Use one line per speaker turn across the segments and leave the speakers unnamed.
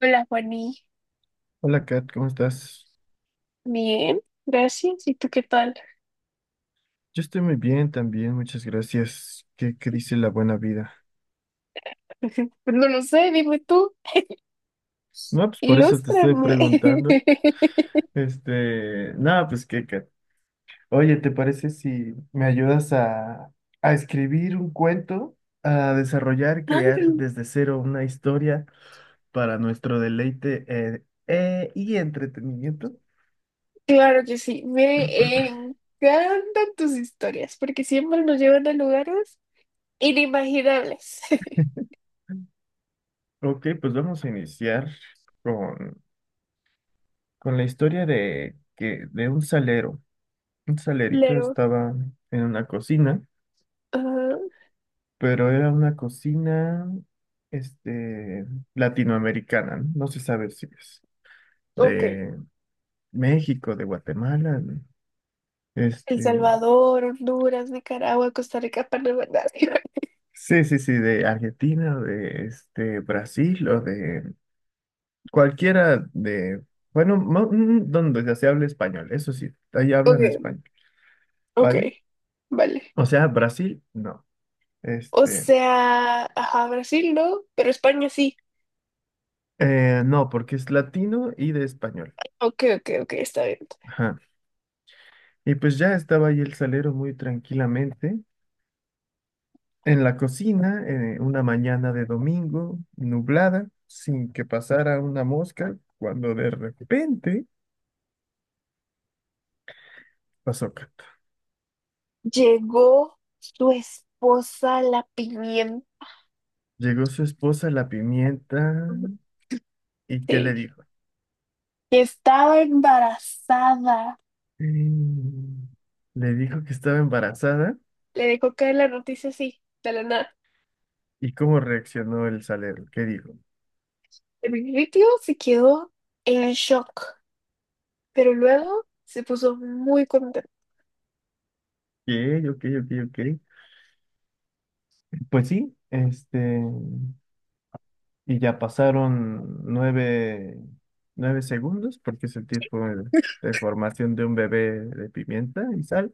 Hola, Juaní.
Hola Kat, ¿cómo estás?
Bien, gracias. ¿Y tú qué tal?
Yo estoy muy bien también, muchas gracias. ¿Qué dice la buena vida?
Pues no lo sé, dime tú,
No, pues por eso te estoy
ilústrame.
preguntando. Nada, pues qué, Kat. Oye, ¿te parece si me ayudas a escribir un cuento, a desarrollar, crear
Claro,
desde cero una historia para nuestro deleite y entretenimiento?
claro que sí. Me encantan tus historias porque siempre nos llevan a lugares inimaginables.
Ok, pues vamos a iniciar con, con la historia de un salero. Un salerito
Claro.
estaba en una cocina,
Ajá.
pero era una cocina, este, latinoamericana, ¿no? No se sabe si es
Ok.
de México, de Guatemala,
El
este,
Salvador, Honduras, Nicaragua, Costa Rica, Panamá.
sí, sí, sí, de Argentina, de Brasil o de cualquiera de, bueno, donde ya se hable español. Eso sí, ahí hablan
Ok,
español,
ok.
¿vale?
Vale.
O sea, Brasil, no,
O
este,
sea, ajá, Brasil no, pero España sí.
no, porque es latino y de español.
Ok, ok, ok, está bien.
Ajá. Y pues ya estaba ahí el salero muy tranquilamente en la cocina, una mañana de domingo, nublada, sin que pasara una mosca, cuando de repente pasó cato.
Llegó su esposa, la pimienta,
Llegó su esposa la pimienta y ¿qué le
que
dijo?
estaba embarazada.
Mm, le dijo que estaba embarazada.
Le dejó caer la noticia así, de la nada.
¿Y cómo reaccionó el salero? ¿Qué dijo?
El principio se quedó en shock, pero luego se puso muy contento.
Ok, ok, ok, ok. Pues sí, y ya pasaron nueve segundos, porque es el tiempo de formación de un bebé de pimienta y sal.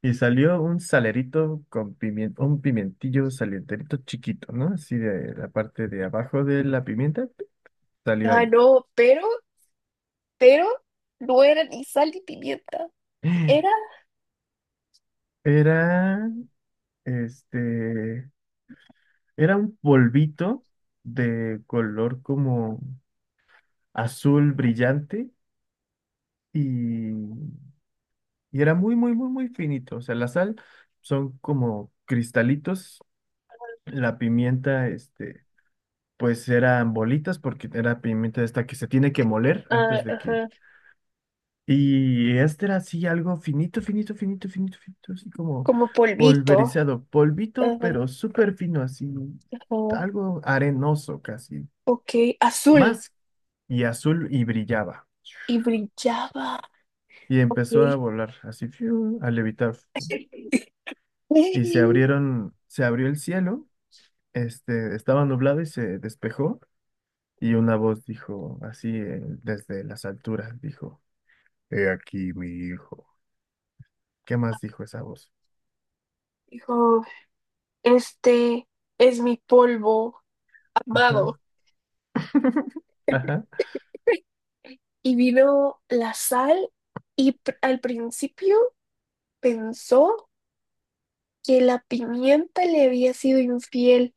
Y salió un salerito con pimiento, un pimientillo salienterito chiquito, ¿no? Así de la parte de abajo de la pimienta, ¡pip! Salió
Ah,
ahí.
no, pero no era ni sal ni pimienta. Era,
Era, este, era un polvito de color como azul brillante y Y era muy, muy, muy, muy finito. O sea, la sal son como cristalitos. La pimienta, pues eran bolitas porque era pimienta esta que se tiene que moler antes
ah,
de que...
ajá,
Y este era así algo finito, finito, finito, finito, finito, así como
como polvito,
polverizado, polvito,
ajá,
pero súper fino, así,
ajá,
algo arenoso casi,
ok, azul
más y azul y brillaba.
y brillaba,
Y
ok.
empezó a volar así, fiu, a levitar. Y se
Ey,
abrieron, se abrió el cielo. Estaba nublado y se despejó y una voz dijo, así desde las alturas, dijo, he aquí mi hijo. ¿Qué más dijo esa voz?
dijo, este es mi polvo amado.
Ajá, ajá.
Y vino la sal y al principio pensó que la pimienta le había sido infiel,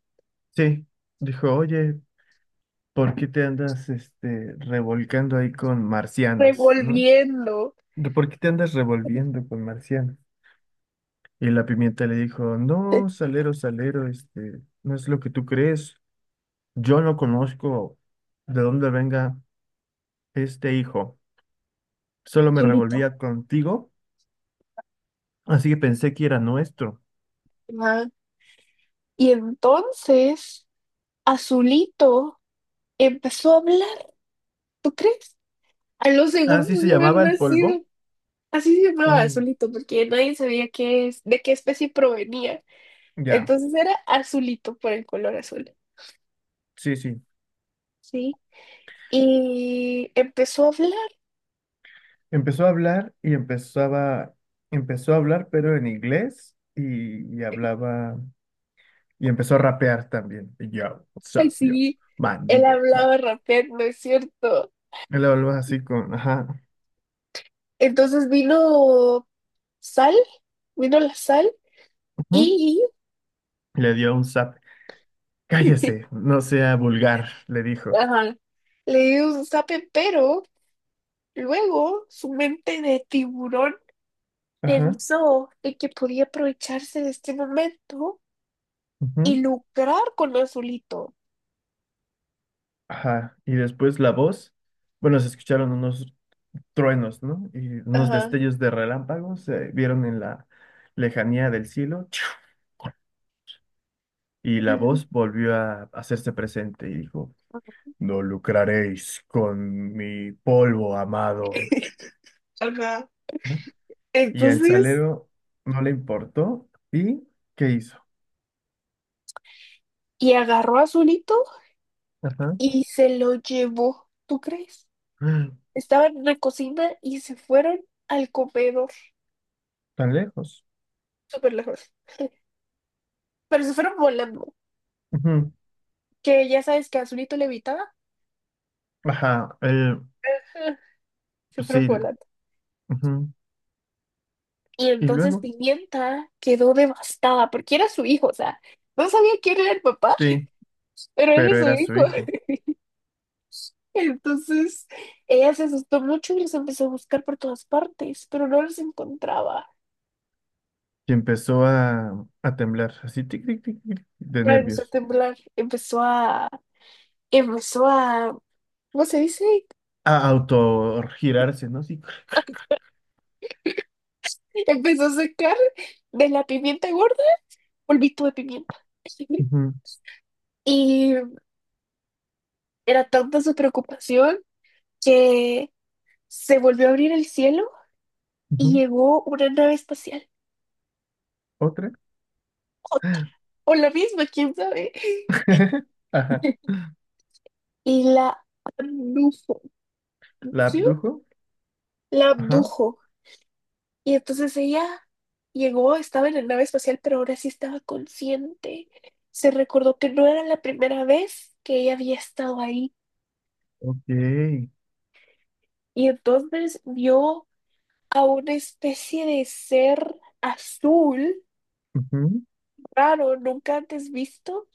Sí, dijo, oye, ¿por qué te andas revolcando ahí con marcianos, ¿no?
revolviendo.
¿De ¿Por qué te andas revolviendo con marcianos? Y la pimienta le dijo, no, salero, salero, no es lo que tú crees. Yo no conozco de dónde venga este hijo. Solo me
Azulito.
revolvía contigo. Así que pensé que era nuestro.
Ajá. Y entonces Azulito empezó a hablar, ¿tú crees? A los
Así
segundos
se
de haber
llamaba el polvo.
nacido. Así se llamaba
Mm,
Azulito, porque nadie sabía qué es, de qué especie provenía.
ya,
Entonces era Azulito por el color azul,
sí, sí.
¿sí? Y empezó a hablar,
Empezó a hablar y empezó a hablar, pero en inglés y hablaba y empezó a rapear también. Y yo, what's up, yo,
así.
man,
Él
diga. Yo.
hablaba rapeando, es cierto.
Él hablaba así con, ajá,
Entonces vino sal, vino la sal
ujú,
y
le dio un zap. Cállese, no sea vulgar, le dijo.
ajá, le dio un zape, pero luego su mente de tiburón
Ajá,
pensó en que podía aprovecharse de este momento y
ujú,
lucrar con Azulito.
ajá. Y después la voz, bueno, se escucharon unos truenos, ¿no? Y unos
Ajá.
destellos de relámpagos se vieron en la lejanía del cielo, ¡Chiu! Y la voz volvió a hacerse presente y dijo, no lucraréis con mi polvo amado,
Ajá.
¿no? Y al
Entonces,
salero no le importó, ¿y qué hizo?
y agarró a Azulito
Ajá.
y se lo llevó. ¿Tú crees?
Mm,
Estaban en la cocina y se fueron al comedor
tan lejos.
súper lejos. Pero se fueron volando.
Ujú.
Que ya sabes que Azulito levitaba.
Ajá, él,
Se
pues
fue
sí,
volando.
ujú.
Y
Y
entonces
luego,
Pimienta quedó devastada porque era su hijo, o sea, no sabía quién era el papá,
sí,
pero era
pero
su
era su
hijo.
hijo.
Entonces ella se asustó mucho y los empezó a buscar por todas partes, pero no los encontraba.
Y empezó a temblar, así, tic, tic, tic, tic, de
Ah, empezó a
nervios.
temblar, empezó a, ¿cómo se dice?
A autogirarse, ¿no? Sí.
Empezó a sacar de la pimienta gorda polvito de pimienta.
Ujú,
Y era tanta su preocupación que se volvió a abrir el cielo y
ujú.
llegó una nave espacial,
Otra.
otra, o la misma, quién sabe,
Ajá.
y la abdujo,
La
¿abdució?
abdujo.
La
Ajá.
abdujo. Y entonces ella llegó, estaba en la nave espacial, pero ahora sí estaba consciente. Se recordó que no era la primera vez que ella había estado ahí.
Ok.
Y entonces vio a una especie de ser azul,
Ujú.
raro, nunca antes visto.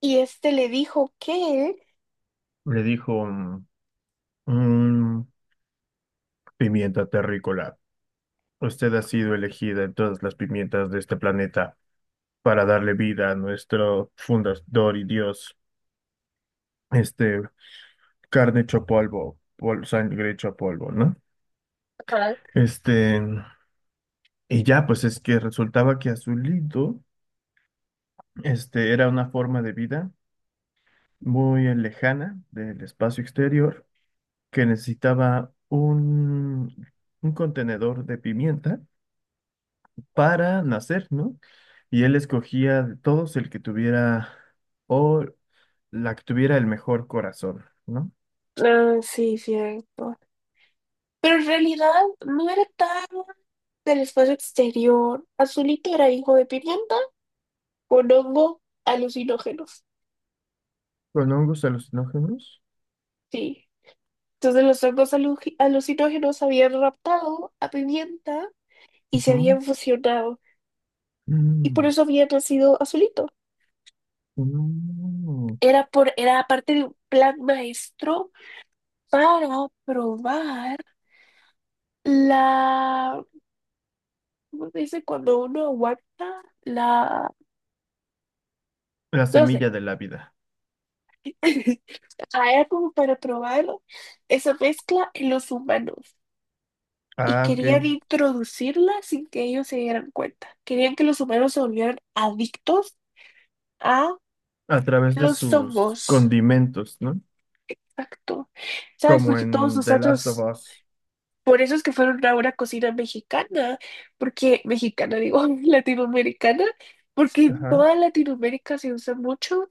Y este le dijo que...
Le dijo, mm, mm, pimienta terrícola. Usted ha sido elegida en todas las pimientas de este planeta para darle vida a nuestro fundador y dios. Este, carne hecho polvo, sangre hecho polvo, ¿no? Este. Y ya, pues es que resultaba que Azulito, era una forma de vida muy lejana del espacio exterior que necesitaba un contenedor de pimienta para nacer, ¿no? Y él escogía de todos el que tuviera o la que tuviera el mejor corazón, ¿no?
Ah, sí, cierto. Pero en realidad no era tan del espacio exterior. Azulito era hijo de pimienta con hongo alucinógenos.
Con hongos alucinógenos.
Sí. Entonces los hongos alucinógenos habían raptado a pimienta y se
Ujú.
habían fusionado. Y por
Mm,
eso había nacido Azulito.
mm.
Era por, era parte de un plan maestro para probar la, ¿cómo se dice? Cuando uno aguanta la,
La
no
semilla
sé.
de la vida.
Hay como para probar esa mezcla en los humanos y
Ah,
querían
ok.
introducirla sin que ellos se dieran cuenta. Querían que los humanos se volvieran adictos a
A través de
los
sus
hongos.
condimentos, ¿no?
Exacto. ¿Sabes?
Como
Porque todos
en The Last of
nosotros,
Us.
por eso es que fueron a una cocina mexicana, porque mexicana digo, latinoamericana, porque en
Ajá.
toda Latinoamérica se usan mucho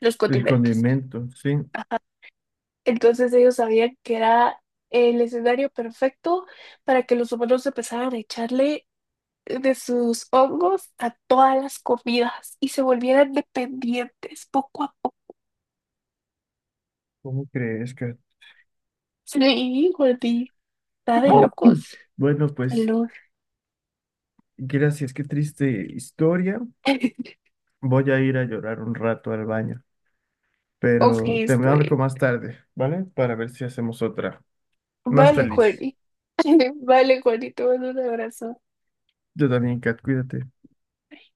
los
El
condimentos.
condimento, sí.
Entonces ellos sabían que era el escenario perfecto para que los humanos empezaran a echarle de sus hongos a todas las comidas y se volvieran dependientes poco a poco.
¿Cómo crees que?
Sí, Jordi, está de
¡Oh!
locos.
Bueno, pues,
Aló.
gracias, qué triste historia. Voy a ir a llorar un rato al baño,
Ok,
pero te
estoy
marco
bien.
más tarde, ¿vale? Para ver si hacemos otra más
Vale,
feliz.
Jordi. Vale, Jordi, te mando un abrazo.
Yo también, Kat, cuídate.